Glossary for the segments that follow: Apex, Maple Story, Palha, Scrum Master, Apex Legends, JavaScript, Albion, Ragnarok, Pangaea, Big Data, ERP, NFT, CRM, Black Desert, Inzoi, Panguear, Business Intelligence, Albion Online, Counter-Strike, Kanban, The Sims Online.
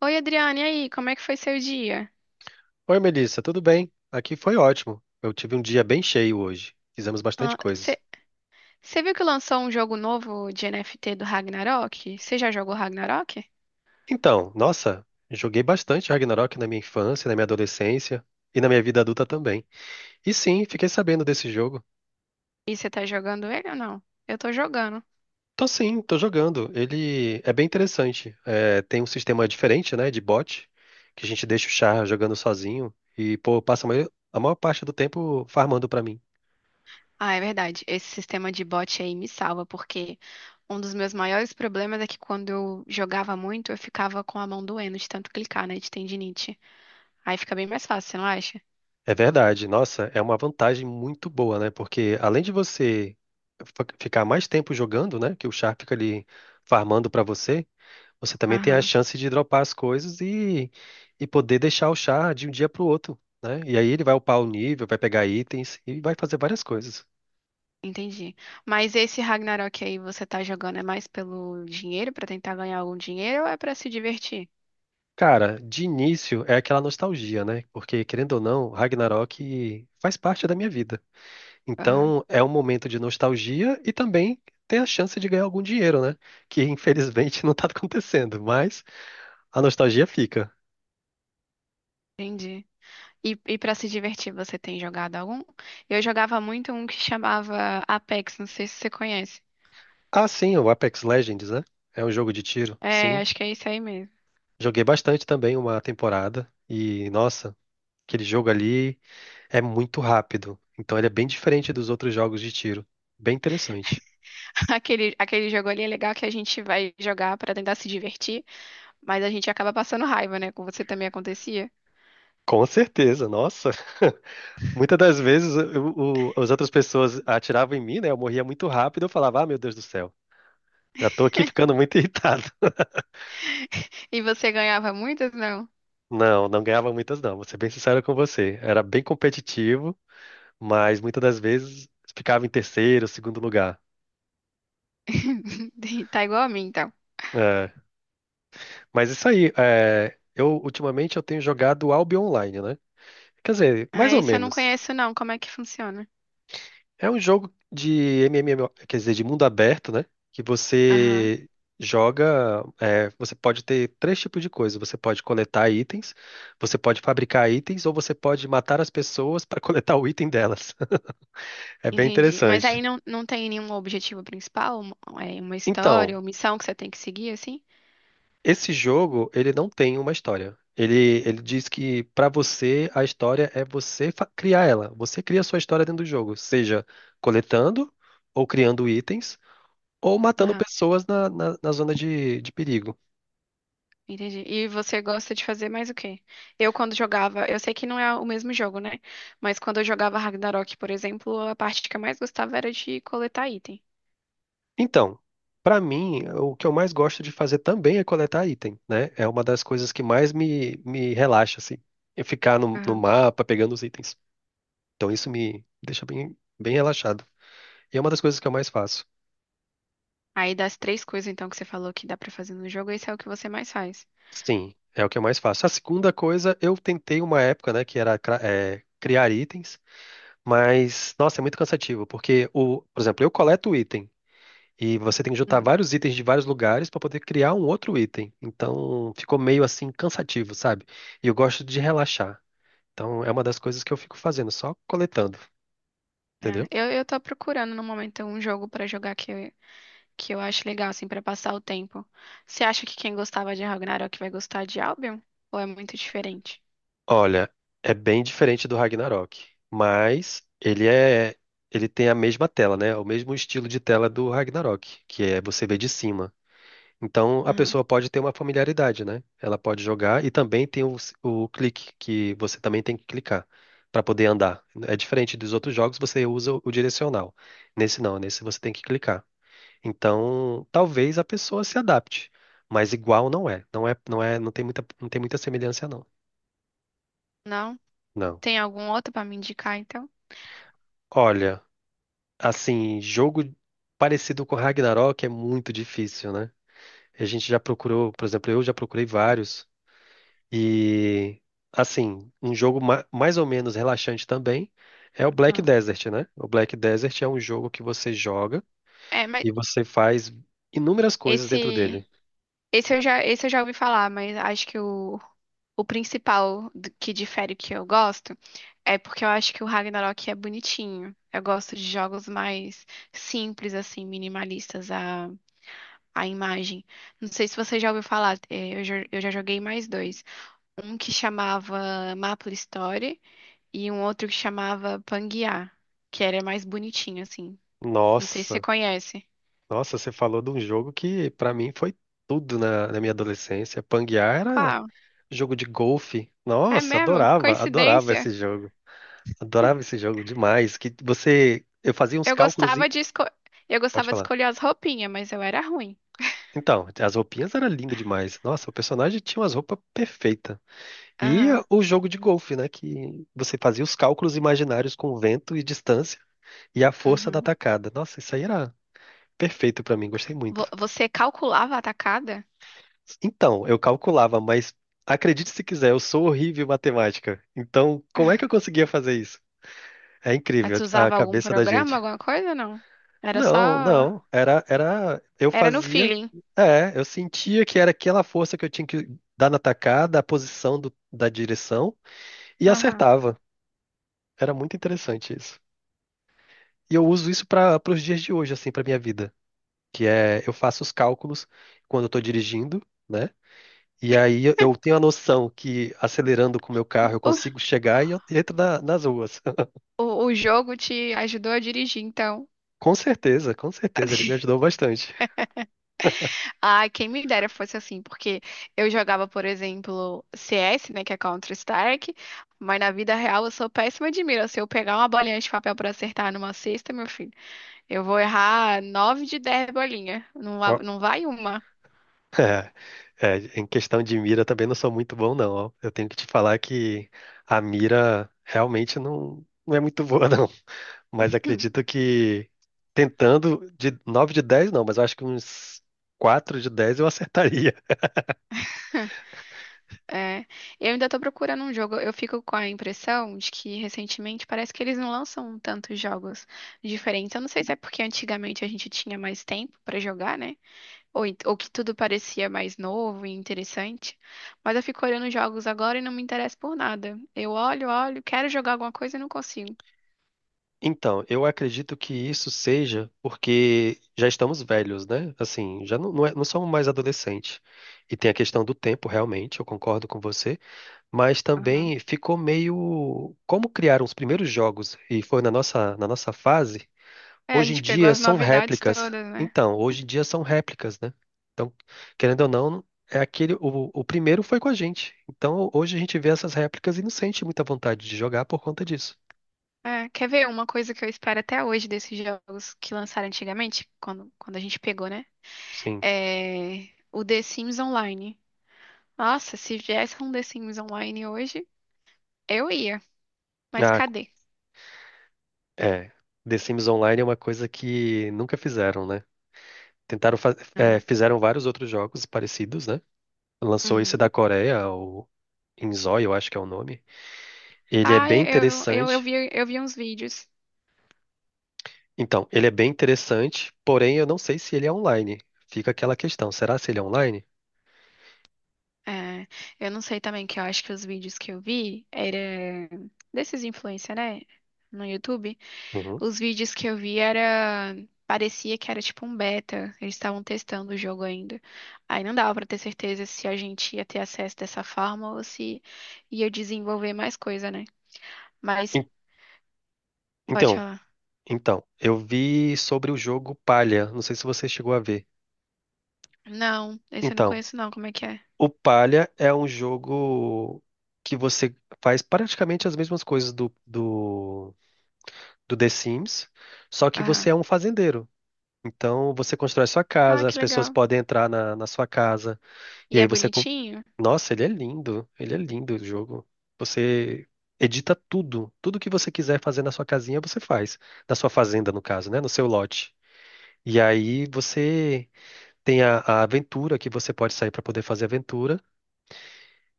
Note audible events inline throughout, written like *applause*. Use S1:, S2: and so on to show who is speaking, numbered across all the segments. S1: Oi, Adriane, e aí, como é que foi seu dia?
S2: Oi, Melissa, tudo bem? Aqui foi ótimo. Eu tive um dia bem cheio hoje. Fizemos bastante coisas.
S1: Você viu que lançou um jogo novo de NFT do Ragnarok? Você já jogou Ragnarok?
S2: Então, nossa, joguei bastante Ragnarok na minha infância, na minha adolescência e na minha vida adulta também. E sim, fiquei sabendo desse jogo.
S1: E você tá jogando ele ou não? Eu tô jogando.
S2: Tô sim, tô jogando. Ele é bem interessante. É, tem um sistema diferente, né, de bot, que a gente deixa o char jogando sozinho e, pô, passa a maior parte do tempo farmando pra mim.
S1: Ah, é verdade. Esse sistema de bot aí me salva, porque um dos meus maiores problemas é que quando eu jogava muito, eu ficava com a mão doendo de tanto clicar, né, de tendinite. Aí fica bem mais fácil, você não acha?
S2: É verdade. Nossa, é uma vantagem muito boa, né? Porque além de você ficar mais tempo jogando, né? Que o char fica ali farmando pra você, você também tem a
S1: Aham,
S2: chance de dropar as coisas e poder deixar o char de um dia pro outro, né? E aí ele vai upar o nível, vai pegar itens e vai fazer várias coisas.
S1: entendi. Mas esse Ragnarok aí você tá jogando é mais pelo dinheiro, pra tentar ganhar algum dinheiro ou é pra se divertir?
S2: Cara, de início é aquela nostalgia, né? Porque, querendo ou não, Ragnarok faz parte da minha vida. Então, é um momento de nostalgia e também tem a chance de ganhar algum dinheiro, né? Que infelizmente *laughs* não tá acontecendo, mas a nostalgia fica.
S1: Entendi. E para se divertir, você tem jogado algum? Eu jogava muito um que chamava Apex, não sei se você conhece.
S2: Ah, sim, o Apex Legends, né? É um jogo de tiro,
S1: É,
S2: sim.
S1: acho que é isso aí mesmo.
S2: Joguei bastante também uma temporada e, nossa, aquele jogo ali é muito rápido. Então, ele é bem diferente dos outros jogos de tiro. Bem interessante.
S1: *laughs* Aquele jogo ali é legal que a gente vai jogar pra tentar se divertir, mas a gente acaba passando raiva, né? Com você também acontecia.
S2: Com certeza, nossa. *laughs* Muitas das vezes as outras pessoas atiravam em mim, né? Eu morria muito rápido, eu falava, ah, meu Deus do céu. Já tô aqui ficando muito *laughs* irritado.
S1: E você ganhava muitas, não?
S2: Não, não ganhava muitas não, vou ser bem sincero com você. Era bem competitivo, mas muitas das vezes ficava em terceiro, segundo lugar.
S1: *laughs* Tá igual a mim, então.
S2: É, mas isso aí, é, eu ultimamente eu tenho jogado Albion Online, né? Quer dizer,
S1: Ah,
S2: mais ou
S1: esse eu não
S2: menos.
S1: conheço, não. Como é que funciona?
S2: É um jogo de MMO, quer dizer, de mundo aberto, né? Que
S1: Aham,
S2: você joga, é, você pode ter três tipos de coisa. Você pode coletar itens, você pode fabricar itens ou você pode matar as pessoas para *laughs* coletar o item delas. É bem
S1: entendi. Mas aí
S2: interessante.
S1: não, não tem nenhum objetivo principal? É uma história
S2: Então,
S1: ou missão que você tem que seguir, assim?
S2: esse jogo, ele não tem uma história. Ele diz que pra você a história é você criar ela. Você cria a sua história dentro do jogo, seja coletando ou criando itens ou matando pessoas na zona de perigo.
S1: Entendi. E você gosta de fazer mais o quê? Eu, quando jogava, eu sei que não é o mesmo jogo, né? Mas quando eu jogava Ragnarok, por exemplo, a parte que eu mais gostava era de coletar item.
S2: Então, pra mim, o que eu mais gosto de fazer também é coletar item, né? É uma das coisas que mais me relaxa, assim. É ficar no
S1: Aham.
S2: mapa pegando os itens. Então, isso me deixa bem relaxado. E é uma das coisas que eu mais faço.
S1: Aí das três coisas, então, que você falou que dá pra fazer no jogo, esse é o que você mais faz.
S2: Sim, é o que eu mais faço. A segunda coisa, eu tentei uma época, né, que era criar itens, mas, nossa, é muito cansativo, porque, o, por exemplo, eu coleto o item, e você tem que juntar
S1: Hum.
S2: vários itens de vários lugares para poder criar um outro item. Então, ficou meio assim cansativo, sabe? E eu gosto de relaxar. Então, é uma das coisas que eu fico fazendo, só coletando,
S1: É,
S2: entendeu?
S1: eu tô procurando no momento um jogo pra jogar que eu acho legal, assim, pra passar o tempo. Você acha que quem gostava de Ragnarok vai gostar de Albion? Ou é muito diferente?
S2: Olha, é bem diferente do Ragnarok, mas ele é, ele tem a mesma tela, né? O mesmo estilo de tela do Ragnarok, que é você vê de cima. Então a
S1: Aham.
S2: pessoa pode ter uma familiaridade, né? Ela pode jogar e também tem o clique, que você também tem que clicar para poder andar. É diferente dos outros jogos, você usa o direcional. Nesse não, nesse você tem que clicar. Então, talvez a pessoa se adapte, mas igual não é. Não é, não é, não tem muita, não tem muita semelhança, não.
S1: Não?
S2: Não.
S1: Tem algum outro pra me indicar, então?
S2: Olha. Assim, jogo parecido com Ragnarok é muito difícil, né? A gente já procurou, por exemplo, eu já procurei vários. E, assim, um jogo mais ou menos relaxante também é o Black
S1: Ah.
S2: Desert, né? O Black Desert é um jogo que você joga
S1: É, mas
S2: e você faz inúmeras coisas dentro
S1: esse.
S2: dele.
S1: Esse eu já ouvi falar, mas acho que o que difere o que eu gosto é porque eu acho que o Ragnarok é bonitinho. Eu gosto de jogos mais simples, assim, minimalistas, a imagem. Não sei se você já ouviu falar, eu já joguei mais dois. Um que chamava Maple Story e um outro que chamava Pangaea, que era mais bonitinho, assim. Não sei se você
S2: Nossa,
S1: conhece.
S2: nossa, você falou de um jogo que pra mim foi tudo na minha adolescência. Panguear era
S1: Qual?
S2: jogo de golfe.
S1: É
S2: Nossa,
S1: mesmo?
S2: adorava
S1: Coincidência.
S2: esse jogo. Adorava esse jogo demais. Que você, eu fazia uns
S1: Eu
S2: cálculos e
S1: gostava de esco... eu
S2: pode
S1: gostava de
S2: falar.
S1: escolher as roupinhas, mas eu era ruim.
S2: Então, as roupinhas eram lindas demais. Nossa, o personagem tinha umas roupas perfeitas. E
S1: Aham.
S2: o jogo de golfe, né? Que você fazia os cálculos imaginários com vento e distância e a força da
S1: Uhum.
S2: atacada. Nossa, isso aí era perfeito pra mim, gostei muito.
S1: Você calculava a tacada?
S2: Então, eu calculava, mas acredite se quiser, eu sou horrível em matemática. Então, como é que eu conseguia fazer isso? É
S1: Aí
S2: incrível
S1: você
S2: a
S1: usava algum
S2: cabeça da
S1: programa,
S2: gente.
S1: alguma coisa ou não? Era
S2: Não,
S1: só.
S2: não. Era, era. Eu
S1: Era no
S2: fazia.
S1: feeling.
S2: É, eu sentia que era aquela força que eu tinha que dar na tacada, a posição da direção, e
S1: Aham.
S2: acertava. Era muito interessante isso. E eu uso isso para os dias de hoje, assim, para minha vida. Que é, eu faço os cálculos quando eu estou dirigindo, né? E aí eu tenho a noção que acelerando com o meu carro eu
S1: O,
S2: consigo chegar e eu entro nas ruas. *laughs*
S1: o jogo te ajudou a dirigir, então.
S2: Com certeza, ele me
S1: *laughs*
S2: ajudou bastante.
S1: Ai, quem me dera fosse assim, porque eu jogava, por exemplo, CS, né, que é Counter-Strike, mas na vida real eu sou péssima de mira. Se eu pegar uma bolinha de papel pra acertar numa cesta, meu filho. Eu vou errar nove de 10 bolinhas.
S2: Ó,
S1: Não vai uma.
S2: *laughs* é, em questão de mira também não sou muito bom, não. Ó. Eu tenho que te falar que a mira realmente não é muito *laughs* boa, não. Mas
S1: Hum,
S2: acredito que tentando de 9 de 10 não, mas eu acho que uns 4 de 10 eu acertaria.
S1: é. Eu ainda tô procurando um jogo. Eu fico com a impressão de que recentemente parece que eles não lançam tantos jogos diferentes. Eu não sei se é porque antigamente a gente tinha mais tempo pra jogar, né? Ou que tudo parecia mais novo e interessante. Mas eu fico olhando jogos agora e não me interesso por nada. Eu olho, olho, quero jogar alguma coisa e não consigo.
S2: Então, eu acredito que isso seja porque já estamos velhos, né? Assim, já não somos mais adolescentes. E tem a questão do tempo, realmente, eu concordo com você. Mas
S1: Aham.
S2: também ficou meio. Como criaram os primeiros jogos e foi na nossa fase,
S1: É, a
S2: hoje em
S1: gente pegou
S2: dia
S1: as
S2: são
S1: novidades
S2: réplicas.
S1: todas, né?
S2: Então, hoje em dia são réplicas, né? Então, querendo ou não, é aquele. O primeiro foi com a gente. Então, hoje a gente vê essas réplicas e não sente muita vontade de jogar por conta disso.
S1: É, quer ver uma coisa que eu espero até hoje desses jogos que lançaram antigamente, quando a gente pegou, né?
S2: Sim.
S1: É o The Sims Online. Nossa, se viesse um The Sims Online hoje, eu ia. Mas
S2: Ah.
S1: cadê?
S2: É, The Sims Online é uma coisa que nunca fizeram, né? Tentaram
S1: Não.
S2: fizeram vários outros jogos parecidos, né? Lançou esse da
S1: Uhum.
S2: Coreia, o Inzoi, eu acho que é o nome. Ele é
S1: Ah,
S2: bem
S1: eu, eu, eu
S2: interessante.
S1: vi, eu vi uns vídeos.
S2: Então, ele é bem interessante, porém eu não sei se ele é online. Fica aquela questão, será se ele é online?
S1: É, eu não sei também, que eu acho que os vídeos que eu vi era desses influencers, né? No YouTube.
S2: Uhum.
S1: Os vídeos que eu vi era. Parecia que era tipo um beta. Eles estavam testando o jogo ainda. Aí não dava pra ter certeza se a gente ia ter acesso dessa forma ou se ia desenvolver mais coisa, né? Mas
S2: En-
S1: pode
S2: Então,
S1: falar.
S2: eu vi sobre o jogo Palha, não sei se você chegou a ver.
S1: Não, esse eu não
S2: Então,
S1: conheço não. Como é que é?
S2: o Palha é um jogo que você faz praticamente as mesmas coisas do The Sims, só que você
S1: Aham.
S2: é um fazendeiro. Então você constrói sua
S1: Ah,
S2: casa,
S1: que
S2: as pessoas
S1: legal.
S2: podem entrar na sua casa,
S1: E
S2: e
S1: é
S2: aí você.
S1: bonitinho?
S2: Nossa, ele é lindo o jogo. Você edita tudo, tudo que você quiser fazer na sua casinha, você faz. Na sua fazenda, no caso, né? No seu lote. E aí você tem a aventura que você pode sair para poder fazer aventura.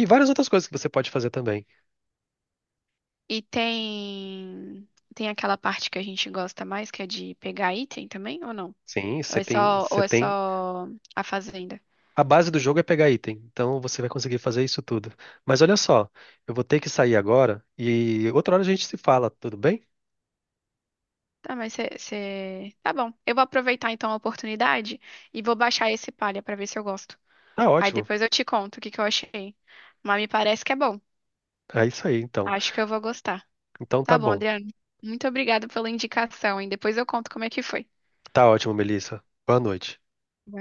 S2: E várias outras coisas que você pode fazer também.
S1: E tem aquela parte que a gente gosta mais, que é de pegar item também, ou não?
S2: Sim,
S1: Ou é só ou
S2: você
S1: é
S2: tem
S1: só a fazenda?
S2: a base do jogo é pegar item, então você vai conseguir fazer isso tudo. Mas olha só, eu vou ter que sair agora e outra hora a gente se fala, tudo bem?
S1: Tá, mas você. Tá bom. Eu vou aproveitar então a oportunidade e vou baixar esse palha pra ver se eu gosto.
S2: Tá
S1: Aí
S2: ótimo.
S1: depois eu te conto o que que eu achei. Mas me parece que é bom.
S2: É isso aí, então.
S1: Acho que eu vou gostar.
S2: Então tá
S1: Tá bom,
S2: bom.
S1: Adriano. Muito obrigada pela indicação, hein? Depois eu conto como é que foi.
S2: Tá ótimo, Melissa. Boa noite.